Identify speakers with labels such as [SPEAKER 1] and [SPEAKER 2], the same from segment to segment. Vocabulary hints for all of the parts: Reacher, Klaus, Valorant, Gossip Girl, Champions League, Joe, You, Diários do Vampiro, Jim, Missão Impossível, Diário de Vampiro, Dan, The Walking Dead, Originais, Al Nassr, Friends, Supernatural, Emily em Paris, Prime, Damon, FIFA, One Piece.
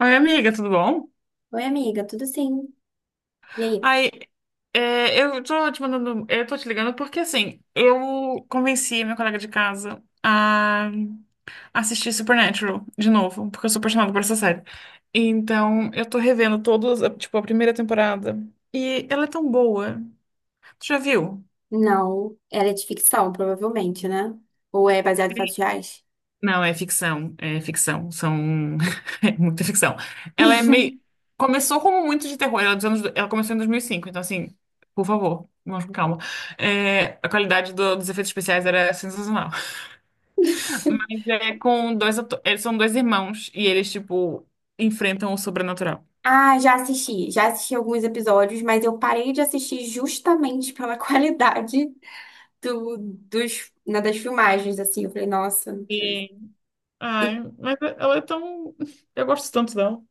[SPEAKER 1] Oi, amiga, tudo bom?
[SPEAKER 2] Oi, amiga, tudo sim? E aí?
[SPEAKER 1] Ai, eu tô te mandando, eu tô te ligando porque assim, eu convenci meu colega de casa a assistir Supernatural de novo, porque eu sou apaixonada por essa série. Então, eu tô revendo todas, tipo, a primeira temporada. E ela é tão boa. Tu já viu?
[SPEAKER 2] Não, ela é de ficção, provavelmente, né? Ou é baseado em fatos reais?
[SPEAKER 1] Não, é ficção, são é muita ficção. Ela é meio começou como muito de terror, ela, é dos anos... ela começou em 2005, então assim, por favor, vamos com calma. É, a qualidade dos efeitos especiais era sensacional. Mas é com eles são dois irmãos e eles tipo enfrentam o sobrenatural.
[SPEAKER 2] Ah, já assisti. Já assisti alguns episódios, mas eu parei de assistir justamente pela qualidade dos, né, das filmagens, assim. Eu falei, nossa.
[SPEAKER 1] E ai,
[SPEAKER 2] E-
[SPEAKER 1] mas ela é tão eu gosto tanto dela.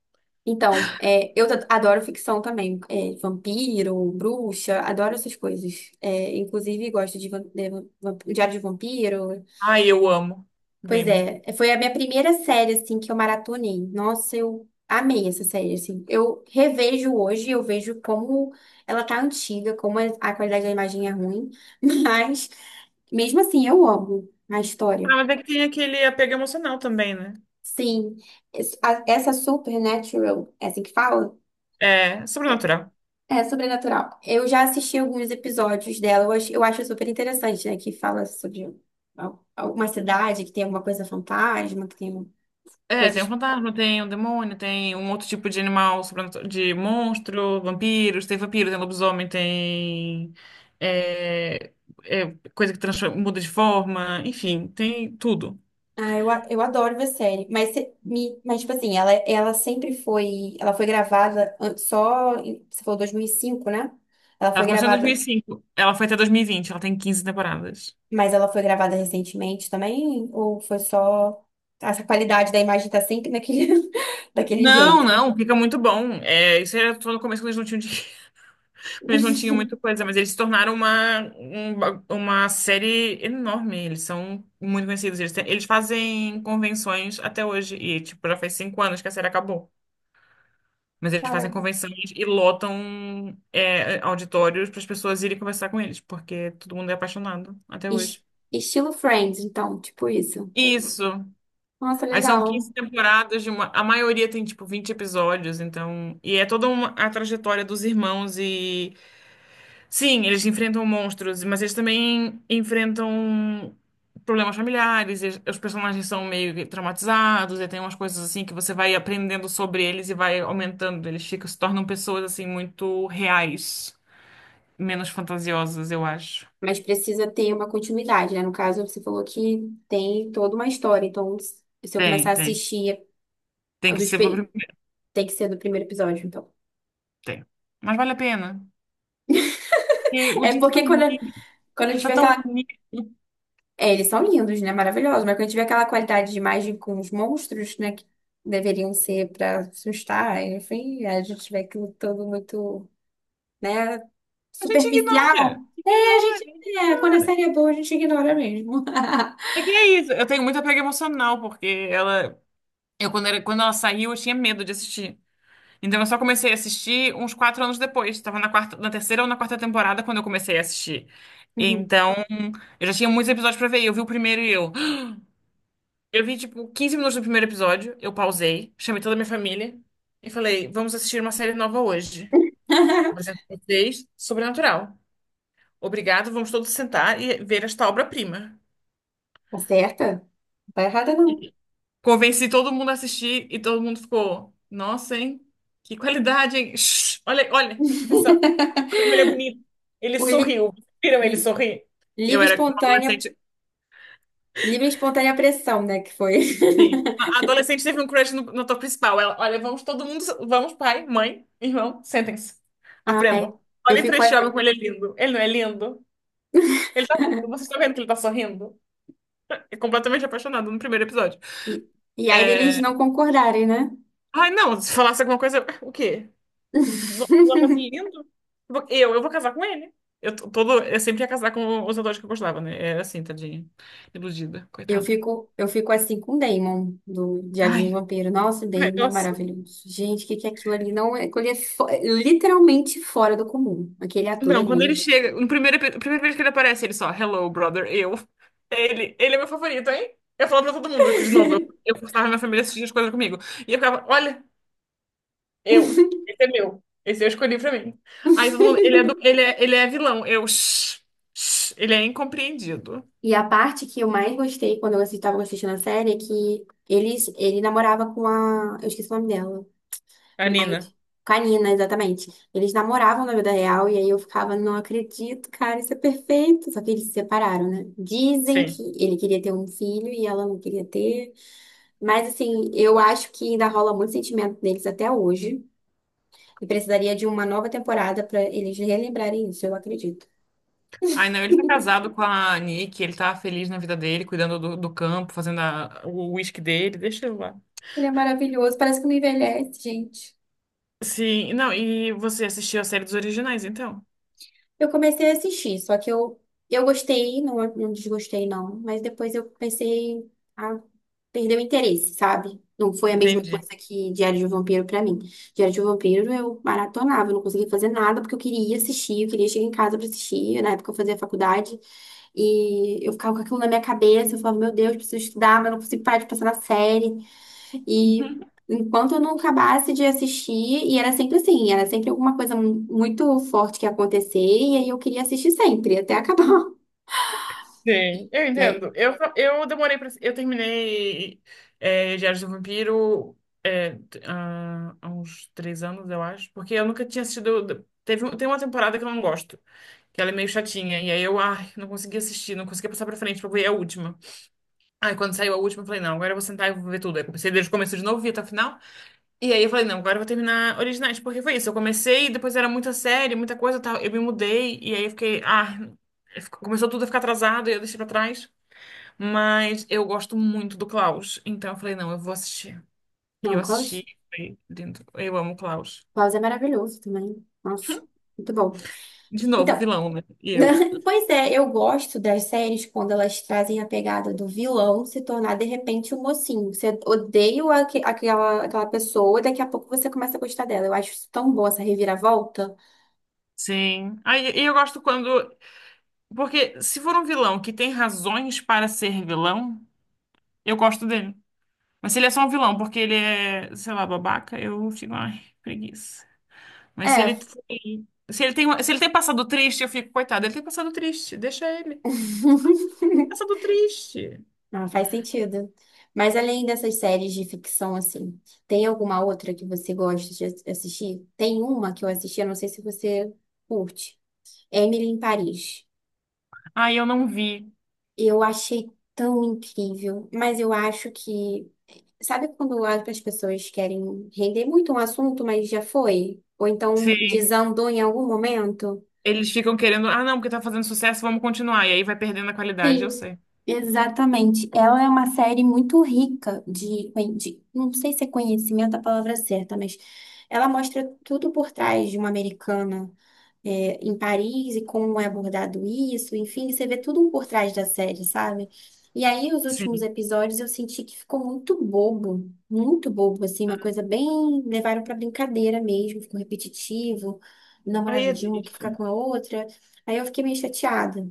[SPEAKER 2] então, é, eu adoro ficção também. É, vampiro, bruxa, adoro essas coisas. É, inclusive, gosto de, Diário de Vampiro.
[SPEAKER 1] Ai, eu amo
[SPEAKER 2] Pois
[SPEAKER 1] Damon.
[SPEAKER 2] é, foi a minha primeira série, assim, que eu maratonei. Nossa, eu amei essa série, assim. Eu revejo hoje, eu vejo como ela tá antiga, como a qualidade da imagem é ruim, mas mesmo assim eu amo a história.
[SPEAKER 1] Ah, mas é que tem aquele apego emocional também, né?
[SPEAKER 2] Sim, essa Supernatural, é assim que fala?
[SPEAKER 1] É, sobrenatural.
[SPEAKER 2] É sobrenatural. Eu já assisti alguns episódios dela, eu acho super interessante, né? Que fala sobre alguma cidade que tem alguma coisa fantasma, que tem
[SPEAKER 1] É, tem um
[SPEAKER 2] coisas.
[SPEAKER 1] fantasma, tem um demônio, tem um outro tipo de animal, de monstro, vampiros, tem vampiro, tem lobisomem, tem é, coisa que muda de forma, enfim, tem tudo.
[SPEAKER 2] Ah, eu adoro ver série, mas, mas tipo assim, ela sempre foi, ela foi gravada você falou 2005, né? Ela foi
[SPEAKER 1] Ela começou em
[SPEAKER 2] gravada,
[SPEAKER 1] 2005, ela foi até 2020, ela tem 15 temporadas.
[SPEAKER 2] mas ela foi gravada recentemente também, ou foi só, essa qualidade da imagem tá sempre naquele, daquele
[SPEAKER 1] Não,
[SPEAKER 2] jeito?
[SPEAKER 1] não, fica muito bom. É, isso era só no começo quando eles não tinham. Eles não tinham muita coisa, mas eles se tornaram uma série enorme. Eles são muito conhecidos. Eles, eles fazem convenções até hoje. E, tipo, já faz 5 anos que a série acabou. Mas eles fazem
[SPEAKER 2] Caramba.
[SPEAKER 1] convenções e lotam auditórios para as pessoas irem conversar com eles, porque todo mundo é apaixonado até
[SPEAKER 2] Es-
[SPEAKER 1] hoje.
[SPEAKER 2] Estilo Friends, então, tipo isso.
[SPEAKER 1] Isso.
[SPEAKER 2] Nossa,
[SPEAKER 1] Aí são
[SPEAKER 2] legal.
[SPEAKER 1] 15 temporadas de uma. A maioria tem, tipo, 20 episódios, então. E é toda uma, a trajetória dos irmãos e sim, eles enfrentam monstros, mas eles também enfrentam problemas familiares. Eles- os personagens são meio que traumatizados, e tem umas coisas assim que você vai aprendendo sobre eles e vai aumentando. Eles ficam, se tornam pessoas assim muito reais, menos fantasiosas, eu acho.
[SPEAKER 2] Mas precisa ter uma continuidade, né? No caso, você falou que tem toda uma história. Então, se eu começar
[SPEAKER 1] Tem,
[SPEAKER 2] a
[SPEAKER 1] tem.
[SPEAKER 2] assistir
[SPEAKER 1] Tem
[SPEAKER 2] a
[SPEAKER 1] que
[SPEAKER 2] dos.
[SPEAKER 1] ser pelo primeiro.
[SPEAKER 2] Tem que ser do primeiro episódio, então.
[SPEAKER 1] Tem. Mas vale a pena. Porque o
[SPEAKER 2] É
[SPEAKER 1] Jim tá
[SPEAKER 2] porque
[SPEAKER 1] tão
[SPEAKER 2] quando, é,
[SPEAKER 1] bonito.
[SPEAKER 2] quando a
[SPEAKER 1] Ele
[SPEAKER 2] gente
[SPEAKER 1] tá tão
[SPEAKER 2] aquela.
[SPEAKER 1] bonito.
[SPEAKER 2] É, eles são lindos, né? Maravilhosos. Mas quando a gente aquela qualidade de imagem com os monstros, né? Que deveriam ser pra assustar, enfim, a gente tiver aquilo todo muito, né?
[SPEAKER 1] A gente
[SPEAKER 2] Superficial.
[SPEAKER 1] ignora.
[SPEAKER 2] É, a
[SPEAKER 1] Ignora,
[SPEAKER 2] gente. É, quando a
[SPEAKER 1] ignora.
[SPEAKER 2] série é boa, a gente ignora mesmo.
[SPEAKER 1] É que é isso. Eu tenho muito apego emocional, porque ela. Quando ela saiu, eu tinha medo de assistir. Então, eu só comecei a assistir uns 4 anos depois. Estava na quarta, na terceira ou na quarta temporada quando eu comecei a assistir.
[SPEAKER 2] Uhum.
[SPEAKER 1] Então, eu já tinha muitos episódios pra ver. Eu vi o primeiro e eu. Eu vi, tipo, 15 minutos do primeiro episódio. Eu pausei, chamei toda a minha família e falei: vamos assistir uma série nova hoje. Apresento pra vocês Sobrenatural. Obrigado, vamos todos sentar e ver esta obra-prima.
[SPEAKER 2] Acerta? Não tá errada, não.
[SPEAKER 1] Convenci todo mundo a assistir e todo mundo ficou, nossa, hein? Que qualidade, hein? Shhh, olha, olha, presta atenção. Olha como ele é bonito. Ele
[SPEAKER 2] O li-
[SPEAKER 1] sorriu. Viram ele
[SPEAKER 2] li-
[SPEAKER 1] sorrir? Eu
[SPEAKER 2] Livre
[SPEAKER 1] era uma
[SPEAKER 2] espontânea,
[SPEAKER 1] adolescente.
[SPEAKER 2] livre espontânea pressão, né? Que foi.
[SPEAKER 1] Sim. A adolescente teve um crush no ator principal. Ela, olha, vamos todo mundo. Vamos, pai, mãe, irmão, sentem-se.
[SPEAKER 2] Ai,
[SPEAKER 1] Aprendam.
[SPEAKER 2] eu
[SPEAKER 1] Olhem pra
[SPEAKER 2] fico.
[SPEAKER 1] este homem como ele é lindo. Ele não é lindo? Ele tá lindo. Vocês estão vendo que ele tá sorrindo? É completamente apaixonado no primeiro episódio.
[SPEAKER 2] E, e aí deles
[SPEAKER 1] É...
[SPEAKER 2] não concordarem, né?
[SPEAKER 1] Ai, não, se falasse alguma coisa. O quê? Não não achasse lindo? Eu vou casar com ele. Eu sempre ia casar com os atores que eu gostava, né? Era assim, tadinha. Iludida, coitada.
[SPEAKER 2] Eu fico assim com o Damon, do Diário de um
[SPEAKER 1] Ai,
[SPEAKER 2] Vampiro. Nossa,
[SPEAKER 1] ai,
[SPEAKER 2] Damon é
[SPEAKER 1] nossa.
[SPEAKER 2] maravilhoso. Gente, o que que é aquilo ali? Não, aquilo ali é literalmente fora do comum, aquele ator
[SPEAKER 1] Não, quando ele
[SPEAKER 2] ali.
[SPEAKER 1] chega, no primeiro, epi- primeira vez que ele aparece, ele só, hello, brother, eu. Ele é meu favorito, hein? Eu falo pra todo mundo, que de novo, eu forçava minha família a assistir as coisas comigo. E eu ficava, olha, eu, esse é meu. Esse eu escolhi pra mim. Aí todo mundo, ele é vilão. Eu, shh, shh, ele é incompreendido.
[SPEAKER 2] E a parte que eu mais gostei quando eu estava assistindo a série é que eles, ele namorava com a. Eu esqueci o nome dela.
[SPEAKER 1] A Nina.
[SPEAKER 2] Mas, canina, exatamente. Eles namoravam na vida real e aí eu ficava, não acredito, cara, isso é perfeito. Só que eles se separaram, né? Dizem
[SPEAKER 1] Sim.
[SPEAKER 2] que ele queria ter um filho e ela não queria ter. Mas, assim, eu acho que ainda rola muito sentimento deles até hoje. E precisaria de uma nova temporada pra eles relembrarem isso, eu acredito.
[SPEAKER 1] Ai, não, ele tá casado com a Nick, ele tá feliz na vida dele, cuidando do campo, o uísque dele, deixa eu lá.
[SPEAKER 2] Ele é maravilhoso, parece que não envelhece, gente.
[SPEAKER 1] Sim, não, e você assistiu a série dos originais, então?
[SPEAKER 2] Eu comecei a assistir, só que eu gostei, não, não desgostei, não. Mas depois eu comecei a perder o interesse, sabe? Não foi a mesma coisa
[SPEAKER 1] Entendi.
[SPEAKER 2] que Diário de um Vampiro pra mim. Diário de um Vampiro eu maratonava, eu não conseguia fazer nada porque eu queria assistir, eu queria chegar em casa pra assistir. Na época eu fazia faculdade e eu ficava com aquilo na minha cabeça, eu falava, meu Deus, preciso estudar, mas não consigo parar de pensar na série. E enquanto eu não acabasse de assistir, e era sempre assim, era sempre alguma coisa muito forte que ia acontecer, e aí eu queria assistir sempre, até acabar.
[SPEAKER 1] Sim, eu
[SPEAKER 2] E aí,
[SPEAKER 1] entendo. Eu demorei pra. Eu terminei Diários do Vampiro há uns 3 anos, eu acho, porque eu nunca tinha assistido. Tem uma temporada que eu não gosto, que ela é meio chatinha, e aí eu, ai, não consegui assistir, não consegui passar pra frente pra ver a última. Aí quando saiu a última, eu falei, não, agora eu vou sentar e vou ver tudo. Aí comecei desde o começo de novo, vi até o final. E aí eu falei, não, agora eu vou terminar Originais, porque foi isso. Eu comecei, depois era muita série, muita coisa e tal. Eu me mudei, e aí eu fiquei, ah, começou tudo a ficar atrasado e eu deixei pra trás. Mas eu gosto muito do Klaus. Então eu falei, não, eu vou assistir. E
[SPEAKER 2] não,
[SPEAKER 1] eu assisti,
[SPEAKER 2] Klaus,
[SPEAKER 1] foi lindo. Eu amo o Klaus.
[SPEAKER 2] Klaus é maravilhoso também. Nossa, muito bom.
[SPEAKER 1] De
[SPEAKER 2] Então,
[SPEAKER 1] novo, vilão, né? E eu.
[SPEAKER 2] pois é, eu gosto das séries quando elas trazem a pegada do vilão se tornar de repente o mocinho. Você odeia aquela, aquela pessoa, daqui a pouco você começa a gostar dela. Eu acho isso tão bom, essa reviravolta.
[SPEAKER 1] Sim. Aí e eu gosto quando. Porque se for um vilão que tem razões para ser vilão, eu gosto dele. Mas se ele é só um vilão, porque ele é, sei lá, babaca, eu fico, ai, preguiça. Mas
[SPEAKER 2] É.
[SPEAKER 1] se ele tem, se ele tem passado triste, eu fico, coitado, ele tem passado triste, deixa ele. Passado triste.
[SPEAKER 2] Não, faz sentido. Mas além dessas séries de ficção, assim, tem alguma outra que você gosta de assistir? Tem uma que eu assisti, eu não sei se você curte. Emily em Paris.
[SPEAKER 1] Ai, eu não vi.
[SPEAKER 2] Eu achei tão incrível, mas eu acho que. Sabe quando as pessoas querem render muito um assunto, mas já foi? Ou então
[SPEAKER 1] Sim.
[SPEAKER 2] desandou em algum momento?
[SPEAKER 1] Eles ficam querendo, ah, não, porque tá fazendo sucesso, vamos continuar. E aí vai perdendo a qualidade, eu
[SPEAKER 2] Sim,
[SPEAKER 1] sei.
[SPEAKER 2] exatamente. Ela é uma série muito rica de, não sei se é conhecimento a palavra certa, mas ela mostra tudo por trás de uma americana é, em Paris e como é abordado isso, enfim, você vê tudo um por trás da série, sabe? E aí, os últimos
[SPEAKER 1] Sim.
[SPEAKER 2] episódios eu senti que ficou muito bobo, assim, uma coisa bem. Levaram pra brincadeira mesmo, ficou repetitivo,
[SPEAKER 1] Aí
[SPEAKER 2] namorado
[SPEAKER 1] é
[SPEAKER 2] de uma que fica
[SPEAKER 1] triste.
[SPEAKER 2] com a outra. Aí eu fiquei meio chateada.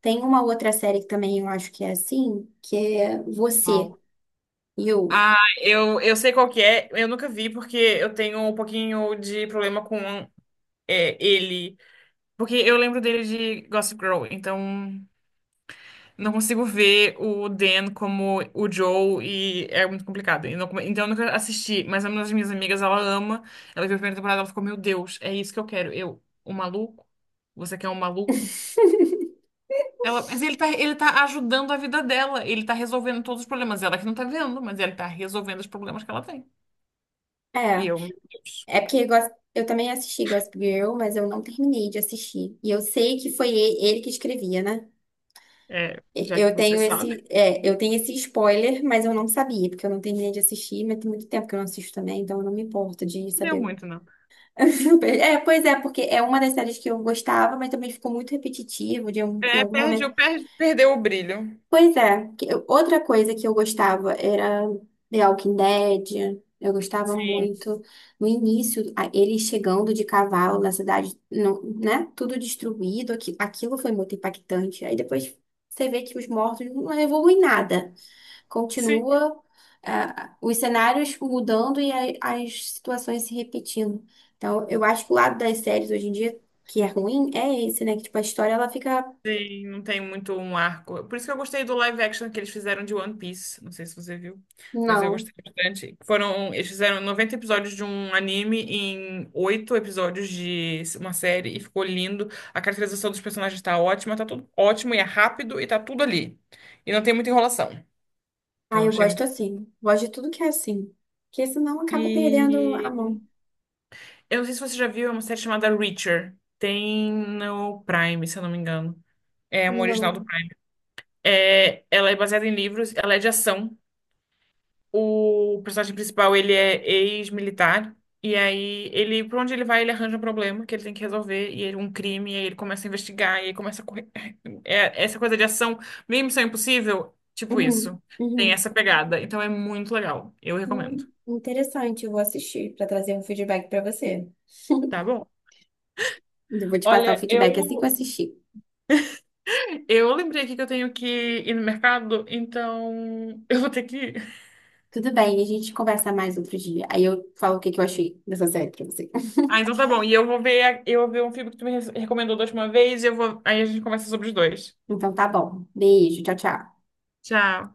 [SPEAKER 2] Tem uma outra série que também eu acho que é assim, que é Você,
[SPEAKER 1] Uau.
[SPEAKER 2] You.
[SPEAKER 1] Ah, eu sei qual que é, eu nunca vi, porque eu tenho um pouquinho de problema com ele. Porque eu lembro dele de Gossip Girl, então não consigo ver o Dan como o Joe e é muito complicado. E então eu nunca assisti, mas é uma das minhas amigas, ela ama. Ela viu a primeira temporada, ela ficou, meu Deus, é isso que eu quero. Eu, um maluco? Você quer um maluco? Ela, mas ele tá ajudando a vida dela, ele tá resolvendo todos os problemas. Ela que não tá vendo, mas ele tá resolvendo os problemas que ela tem. E eu,
[SPEAKER 2] É, é porque eu também assisti Gossip Girl, mas eu não terminei de assistir. E eu sei que foi ele que escrevia, né?
[SPEAKER 1] já que
[SPEAKER 2] Eu
[SPEAKER 1] você
[SPEAKER 2] tenho
[SPEAKER 1] sabe,
[SPEAKER 2] esse, é, eu tenho esse spoiler, mas eu não sabia, porque eu não terminei de assistir, mas tem muito tempo que eu não assisto também, então eu não me importo de
[SPEAKER 1] não deu
[SPEAKER 2] saber.
[SPEAKER 1] muito, não.
[SPEAKER 2] É, pois é, porque é uma das séries que eu gostava, mas também ficou muito repetitivo, em
[SPEAKER 1] É,
[SPEAKER 2] algum momento.
[SPEAKER 1] perdeu, perdeu o brilho.
[SPEAKER 2] Pois é, outra coisa que eu gostava era The Walking Dead. Eu gostava
[SPEAKER 1] Sim,
[SPEAKER 2] muito no início, ele chegando de cavalo na cidade, não, né? Tudo destruído, aquilo foi muito impactante. Aí depois você vê que os mortos não evoluem nada.
[SPEAKER 1] sim.
[SPEAKER 2] Continua, ah, os cenários mudando e as situações se repetindo. Então, eu acho que o lado das séries hoje em dia que é ruim é esse, né? Que tipo, a história ela fica.
[SPEAKER 1] Sim, não tem muito um arco. Por isso que eu gostei do live action que eles fizeram de One Piece. Não sei se você viu, mas eu
[SPEAKER 2] Não.
[SPEAKER 1] gostei bastante. Foram, eles fizeram 90 episódios de um anime em 8 episódios de uma série e ficou lindo. A caracterização dos personagens tá ótima, tá tudo ótimo e é rápido e tá tudo ali. E não tem muita enrolação. Então
[SPEAKER 2] Ah,
[SPEAKER 1] eu
[SPEAKER 2] eu
[SPEAKER 1] achei
[SPEAKER 2] gosto
[SPEAKER 1] muito.
[SPEAKER 2] assim. Gosto de tudo que é assim. Porque senão acaba perdendo a
[SPEAKER 1] E
[SPEAKER 2] mão.
[SPEAKER 1] eu não sei se você já viu, é uma série chamada Reacher. Tem no Prime, se eu não me engano. É uma original do
[SPEAKER 2] Não.
[SPEAKER 1] Prime. É, ela é baseada em livros, ela é de ação. O personagem principal, ele é ex-militar. E aí, ele, por onde ele vai, ele arranja um problema que ele tem que resolver. E ele, um crime, e aí ele começa a investigar. E aí começa a correr. É, essa coisa de ação, meio Missão Impossível, tipo
[SPEAKER 2] Uhum.
[SPEAKER 1] isso. Tem
[SPEAKER 2] Uhum.
[SPEAKER 1] essa pegada. Então é muito legal. Eu recomendo.
[SPEAKER 2] Interessante, eu vou assistir para trazer um feedback para você.
[SPEAKER 1] Tá bom?
[SPEAKER 2] Eu vou te passar o
[SPEAKER 1] Olha,
[SPEAKER 2] feedback assim que eu assistir.
[SPEAKER 1] eu lembrei aqui que eu tenho que ir no mercado, então eu vou ter que ir.
[SPEAKER 2] Tudo bem, a gente conversa mais outro dia. Aí eu falo o que que eu achei dessa série pra você.
[SPEAKER 1] Ah, então tá bom. E eu vou ver, eu vou ver um filme que tu me recomendou da última vez e eu vou, aí a gente conversa sobre os dois.
[SPEAKER 2] Então tá bom. Beijo, tchau, tchau.
[SPEAKER 1] Tchau.